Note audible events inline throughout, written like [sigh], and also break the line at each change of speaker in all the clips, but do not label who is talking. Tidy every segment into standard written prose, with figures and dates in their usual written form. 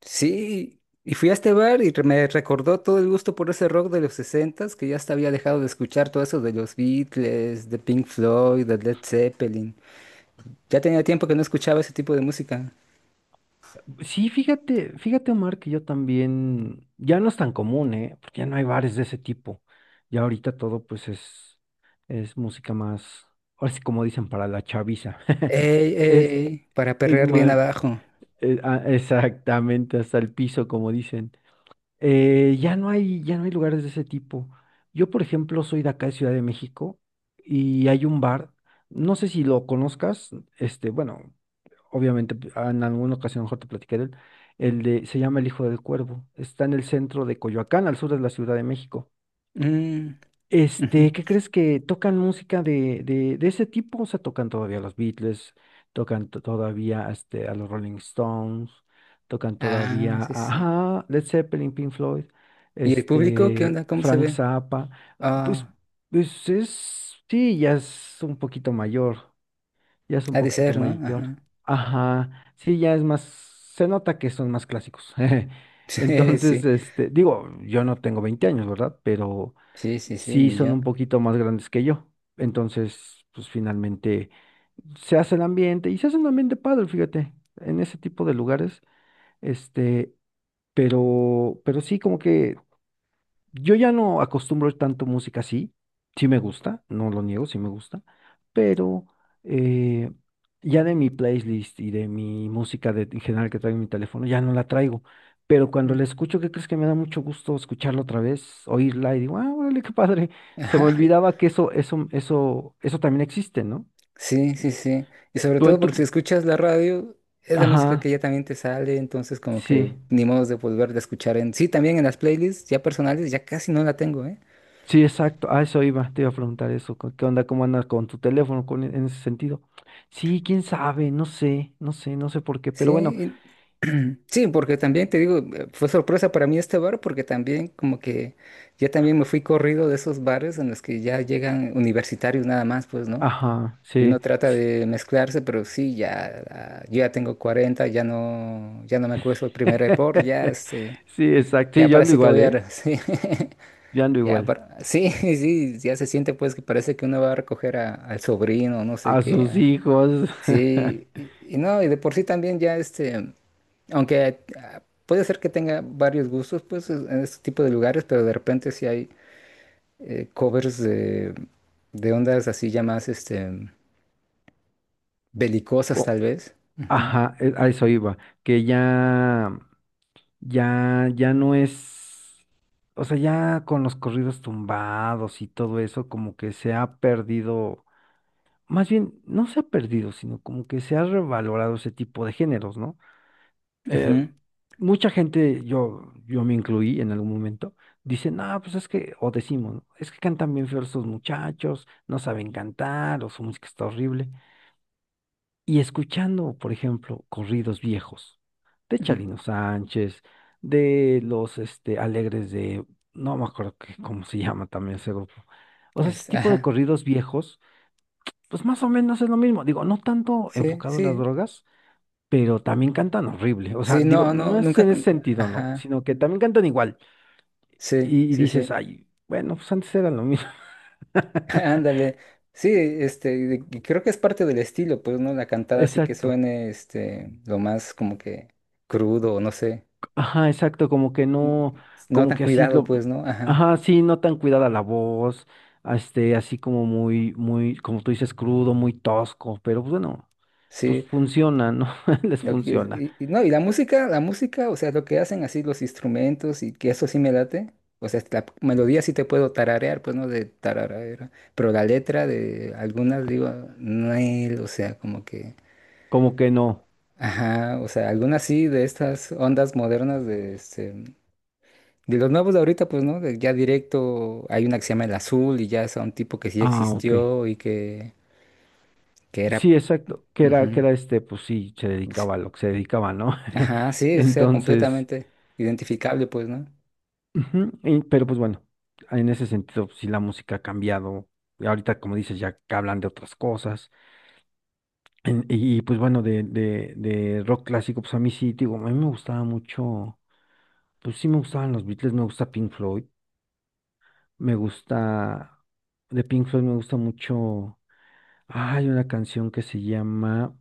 Sí, y fui a este bar y me recordó todo el gusto por ese rock de los sesentas que ya hasta había dejado de escuchar todo eso de los Beatles, de Pink Floyd, de Led Zeppelin. Ya tenía tiempo que no escuchaba ese tipo de música.
Sí, fíjate, fíjate, Omar, que yo también, ya no es tan común, ¿eh? Porque ya no hay bares de ese tipo. Ya ahorita todo, pues, es música más, ahora sí como dicen, para la chaviza. [laughs]
Ey, ey,
Es,
ey, para
es
perrear bien
más,
abajo.
exactamente, hasta el piso, como dicen. Ya no hay lugares de ese tipo. Yo, por ejemplo, soy de acá de Ciudad de México y hay un bar, no sé si lo conozcas, bueno, obviamente en alguna ocasión mejor te platiqué de él, se llama El Hijo del Cuervo, está en el centro de Coyoacán, al sur de la Ciudad de México.
Mm, ujú.
¿Qué crees que tocan música de ese tipo? O sea, tocan todavía a los Beatles, tocan todavía a los Rolling Stones, tocan
Ah,
todavía
sí,
a,
sí.
ajá, Led Zeppelin, Pink Floyd,
¿Y el público qué onda? ¿Cómo se
Frank
ve?
Zappa. Pues,
Ah,
pues es, sí, ya es un poquito mayor. Ya es un
ha de
poquito
ser, ¿no? Ajá.
mayor.
[laughs]
Ajá, sí, ya es más, se nota que son más clásicos. [laughs]
Sí,
Entonces,
sí,
digo, yo no tengo 20 años, ¿verdad? Pero
sí, sí, sí,
sí
ni
son
yo.
un poquito más grandes que yo. Entonces, pues finalmente se hace el ambiente y se hace un ambiente padre, fíjate, en ese tipo de lugares, este, pero sí como que yo ya no acostumbro tanto música así. Sí me gusta, no lo niego, sí me gusta. Pero eh, ya de mi playlist y de mi música de, en general que traigo en mi teléfono, ya no la traigo. Pero cuando la escucho, ¿qué crees que me da mucho gusto escucharla otra vez, oírla? Y digo, ah, órale, qué padre. [laughs] Se me
[laughs]
olvidaba que eso también existe, ¿no?
Sí, sí, sí. Y sobre
Tú
todo
en tu,
porque si escuchas la radio, es la música que
ajá,
ya también te sale, entonces como que
sí.
ni modo de volver a escuchar en... Sí, también en las playlists ya personales, ya casi no la tengo, ¿eh?
Sí, exacto. A eso iba, te iba a preguntar eso. ¿Qué onda? ¿Cómo andas con tu teléfono con, en ese sentido? Sí, quién sabe, no sé por qué,
Sí,
pero bueno,
[clears throat] sí, porque también te digo, fue sorpresa para mí este bar porque también como que ya también me fui corrido de esos bares en los que ya llegan universitarios nada más, pues, ¿no?
ajá,
Y uno
sí.
trata
Sí,
de mezclarse, pero sí, ya, ah, yo ya tengo 40, ya no, ya no me acuesto el primer hervor,
[laughs]
ya este...
sí, exacto. Sí,
Ya
yo ando
parece que
igual,
voy a...
¿eh?
[laughs] Sí,
Yo ando igual.
sí, [laughs] sí, ya se siente pues que parece que uno va a recoger al sobrino, no sé
A
qué.
sus hijos. [laughs]
Sí, y no, y de por sí también ya este, aunque ah, puede ser que tenga varios gustos pues en este tipo de lugares, pero de repente sí hay covers de ondas así ya más este, belicosas
co-
tal vez. Ujú.
Ajá, a eso iba. Que ya no es. O sea, ya con los corridos tumbados y todo eso, como que se ha perdido. Más bien, no se ha perdido, sino como que se ha revalorado ese tipo de géneros, ¿no? Eh,
Ujú,
mucha gente, yo me incluí en algún momento, dicen, no, pues es que, o decimos, ¿no? Es que cantan bien feos estos muchachos, no saben cantar, o su música está horrible. Y escuchando, por ejemplo, corridos viejos de
ujú,
Chalino Sánchez, de los Alegres de, no me acuerdo cómo se llama también ese grupo. O sea, ese tipo de
ajá.
corridos viejos pues más o menos es lo mismo. Digo, no tanto
Sí,
enfocado a las
sí.
drogas, pero también cantan horrible. O sea,
Sí,
digo,
no,
no
no,
es
nunca.
en ese sentido, ¿no?
Ajá.
Sino que también cantan igual.
Sí,
Y
sí,
dices,
sí.
ay, bueno, pues antes era lo mismo.
[laughs]
[laughs]
Ándale. Sí, este, y creo que es parte del estilo, pues, ¿no? La cantada así que
Exacto.
suene, este, lo más como que crudo, o no sé,
Ajá, exacto. Como que
n-
no,
no
como
tan
que así
cuidado,
lo,
pues, ¿no? Ajá.
ajá, sí, no tan cuidada la voz. Así como muy, muy, como tú dices, crudo, muy tosco. Pero pues, bueno, pues
Sí,
funciona, ¿no? [laughs] Les
Mm.
funciona.
Y, y no, y la música, o sea, lo que hacen así los instrumentos y que eso sí me late, o sea, la melodía sí te puedo tararear, pues, ¿no? De tararara, pero la letra de algunas, digo, Nel, o sea, como que...
Como que no.
Ajá, o sea, algunas sí de estas ondas modernas de este, de los nuevos de ahorita, pues, ¿no? De- Ya directo hay una que se llama El Azul y ya es a un tipo que sí
Ah, ok.
existió y que era...
Sí, exacto, que era, que
Ujú.
era pues sí, se
Pues,
dedicaba a lo que se dedicaba, ¿no? [laughs]
ajá, sí, o sea,
Entonces,
completamente identificable, pues, ¿no?
ujú, pero pues bueno, en ese sentido, pues, sí la música ha cambiado, y ahorita como dices, ya que hablan de otras cosas, pues bueno, de rock clásico, pues a mí sí, digo, a mí me gustaba mucho, pues sí me gustaban los Beatles, me gusta Pink Floyd, me gusta, de Pink Floyd me gusta mucho. Hay una canción que se llama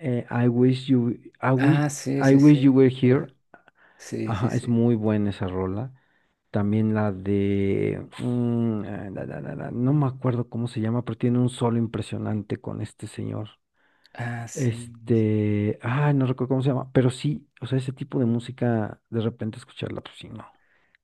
eh, I Wish You, I Wish,
Ah, sí,
I
sí,
Wish
sí.
You Were
Ua,
Here.
sí, sí,
Ajá, es
sí.
muy buena esa rola. También la de, no me acuerdo cómo se llama, pero tiene un solo impresionante con este señor.
Ah, sí.
No recuerdo cómo se llama, pero sí, o sea, ese tipo de música, de repente escucharla, pues sí, no,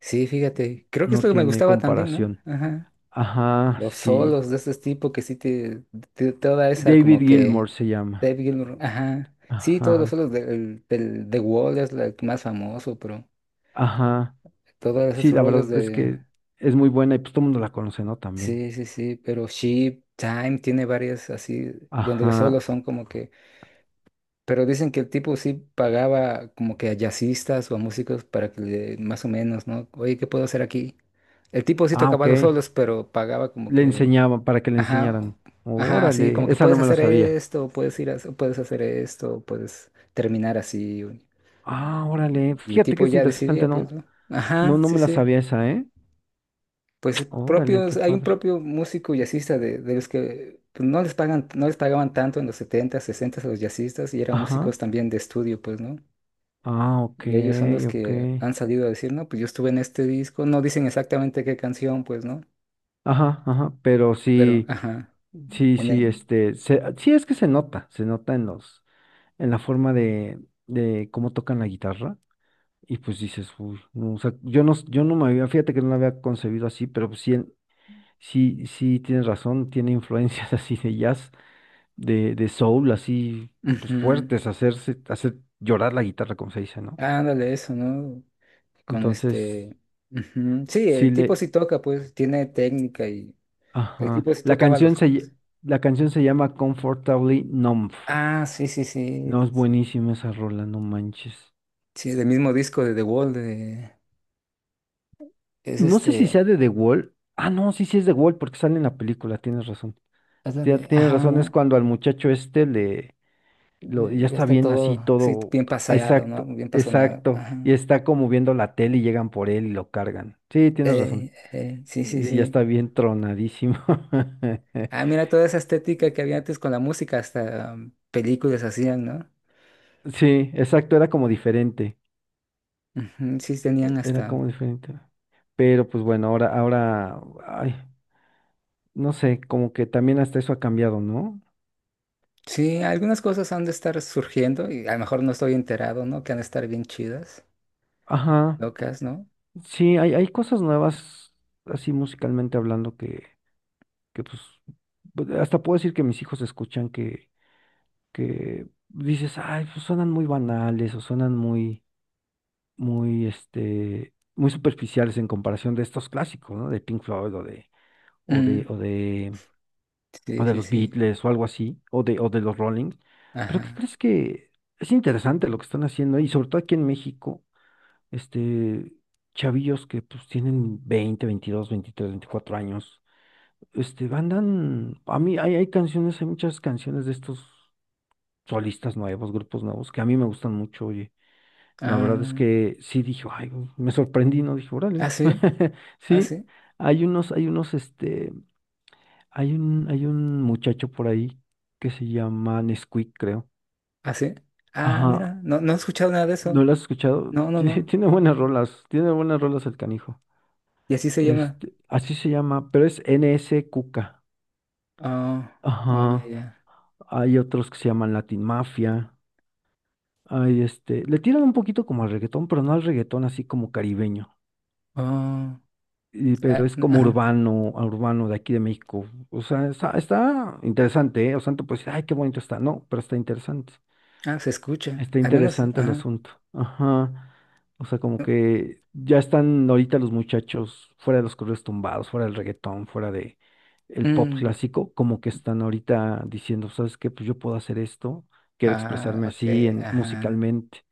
Sí, fíjate. Creo que es
no
lo que me
tiene
gustaba también, ¿no?
comparación.
Ajá.
Ajá,
Los
sí.
solos de ese tipo que sí te, toda esa
David
como que
Gilmour se llama.
Dave Gilmour, ajá. Sí, todos los
Ajá,
solos del, del, The Wall es el más famoso, pero
ajá.
todas
Sí,
esas
la
rolas
verdad es
de...
que es muy buena y pues todo el mundo la conoce, ¿no? También.
Sí, sí, sí, pero Sheep, Time tiene varias así, donde solo
Ajá.
son como que... Pero dicen que el tipo sí pagaba como que a jazzistas o a músicos para que le, más o menos, ¿no? Oye, ¿qué puedo hacer aquí? El tipo sí
Ah,
tocaba
ok.
los solos, pero pagaba como
Le
que...
enseñaban para que le
Ajá,
enseñaran.
ajá, sí, como
Órale,
que
esa no
puedes
me la
hacer
sabía.
esto, puedes ir a, puedes hacer esto, puedes terminar así.
Ah, órale.
Y el
Fíjate que
tipo
es
ya
interesante,
decidía, pues,
¿no?
¿no?
No,
Ajá,
no
sí,
me la
sí.
sabía esa, ¿eh?
Pues
[tsk] Órale,
propios,
qué
hay un
padre.
propio músico jazzista de los que pues, no les pagan, no les pagaban tanto en los 70, 60 a los jazzistas y eran
Ajá.
músicos también de estudio, pues, ¿no?
Ah, ok,
Y ellos son los
ok.
que han salido a decir, no, pues yo estuve en este disco, no dicen exactamente qué canción, pues, ¿no?
Ajá, ajá. Pero
Pero,
sí,
ajá,
sí,
en
sí,
el...
sí es que se nota en la forma de cómo tocan la guitarra. Y pues dices, uy, no, o sea, yo no me había, fíjate que no lo había concebido así, pero pues sí, sí, sí tienes razón, tiene influencias [laughs] así de jazz, de soul, así, pues
Ujú.
fuertes, hacerse, hacer llorar la guitarra, como se dice, ¿no?
Ándale, eso, ¿no? Con
Entonces,
este... Ujú. Sí,
sí
el tipo
le,
sí toca, pues, tiene técnica y el
ajá,
tipo sí tocaba los... solos.
la canción se llama Comfortably Numb.
Ah, sí, sí,
No, es
sí, sí.
buenísima esa rola, no manches.
Sí, del mismo disco de The Wall de... es
No sé si
este,
sea de The Wall, ah, no, sí, sí es The Wall, porque sale en la película, tienes razón.
es la de,
Tienes
ajá,
razón, es
¿no?
cuando al muchacho este y ya
Ya
está
está
bien así
todo, sí,
todo.
bien paseado, ¿no?
Exacto,
Bien pasoneado.
exacto. Y
Ajá.
está como viendo la tele y llegan por él y lo cargan. Sí, tienes razón.
Ey, ey, sí, sí,
Sí, ya
sí.
está bien tronadísimo. [laughs]
Ah, mira toda esa estética que había antes con la música, hasta películas hacían, ¿no?
Sí, exacto, era como diferente.
Ujú, sí, tenían
Era
hasta...
como diferente. Pero pues bueno, ahora, ay, no sé, como que también hasta eso ha cambiado, ¿no?
Sí, algunas cosas han de estar surgiendo y a lo mejor no estoy enterado, ¿no? Que han de estar bien chidas,
Ajá.
locas, ¿no?
Sí, hay cosas nuevas, así musicalmente hablando, que pues, hasta puedo decir que mis hijos escuchan, que dices, ay, pues suenan muy banales o suenan muy, muy, muy superficiales en comparación de estos clásicos, ¿no? De Pink Floyd o de,
Mm,
o de, o
sí,
de
sí,
los
sí.
Beatles o algo así, o de los Rolling. Pero ¿qué
Ajá.
crees? Que es interesante lo que están haciendo. Y sobre todo aquí en México, este, chavillos que pues tienen 20, 22, 23, 24 años. Andan, a mí hay canciones, hay muchas canciones de estos solistas nuevos, grupos nuevos, que a mí me gustan mucho, oye. La verdad es
Ah,
que sí dije, "ay, güey", me sorprendí, ¿no? Dije, órale.
ah, sí,
[laughs]
ah,
Sí,
sí,
hay unos, hay unos, este, hay un muchacho por ahí que se llama Nesquik, creo.
ah, sí. Ah,
Ajá,
mira, no, no he escuchado nada de
¿no
eso.
lo has escuchado?
No,
[laughs]
no,
Tiene
no.
tiene buenas rolas, tiene buenas rolas el canijo.
Y así se llama.
Así se llama, pero es N S Cuca.
Oh, oh, ya,
Ajá,
ya.
hay otros que se llaman Latin Mafia. Hay le tiran un poquito como al reggaetón, pero no al reggaetón así como caribeño.
Oh,
Pero
ah,
es como
ajá.
urbano, a urbano de aquí de México. O sea, está interesante, ¿eh? O sea, tú puedes, ay, qué bonito está. No, pero está interesante.
Ah, se escucha.
Está
Al menos,
interesante el
ajá.
asunto. Ajá. O sea, como que ya están ahorita los muchachos fuera de los correos tumbados, fuera del reggaetón, fuera de el pop
Mm,
clásico, como que están ahorita diciendo, ¿sabes qué? Pues yo puedo hacer esto, quiero
ah,
expresarme
ok,
así en,
ajá.
musicalmente.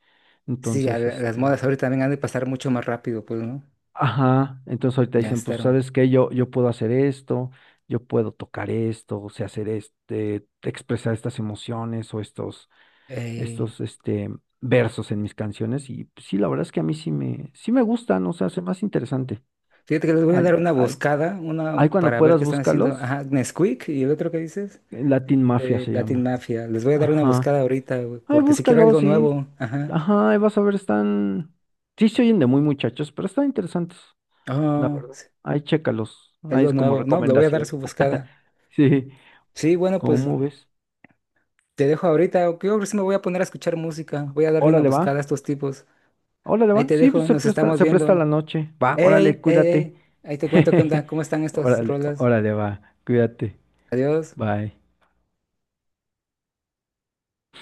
Sí, a
Entonces,
las
este
modas ahorita también han de pasar mucho más rápido, pues, ¿no?
ajá, entonces ahorita
Ya
dicen, pues,
estaron.
¿sabes qué? Yo puedo hacer esto, yo puedo tocar esto, o sea, hacer este, expresar estas emociones o estos,
Eh,
estos, este, versos en mis canciones. Y pues, sí, la verdad es que a mí sí me, gustan, o sea, hace más interesante.
Fíjate que les voy a dar
Hay,
una
hay,
buscada, una
hay, cuando
para ver
puedas,
qué están haciendo.
búscalos.
Ajá, Nesquik y el otro que dices,
Latin Mafia se
Latin
llama.
Mafia. Les voy a dar una
Ajá.
buscada ahorita, güey,
Ay,
porque si quiero
búscalos,
algo
sí.
nuevo, ajá.
Ajá, ahí vas a ver, están. Sí se oyen de muy muchachos, pero están interesantes. La
Oh,
verdad.
sí,
Ahí chécalos,
es
ahí
lo
es como
nuevo. No, le voy a dar
recomendación.
su
[laughs]
buscada.
Sí,
Sí, bueno, pues.
¿cómo ves?
Te dejo ahorita, o creo que sí me voy a poner a escuchar música. Voy a darle una
Órale,
buscada a
va.
estos tipos.
Órale,
Ahí
va.
te
Sí, pues
dejo, nos estamos
se presta
viendo.
la noche. Va,
¡Ey,
órale,
ey,
cuídate.
ey! Ahí te cuento qué
[laughs]
onda, cómo están estas
Órale,
rolas.
órale, va. Cuídate.
Adiós.
Bye.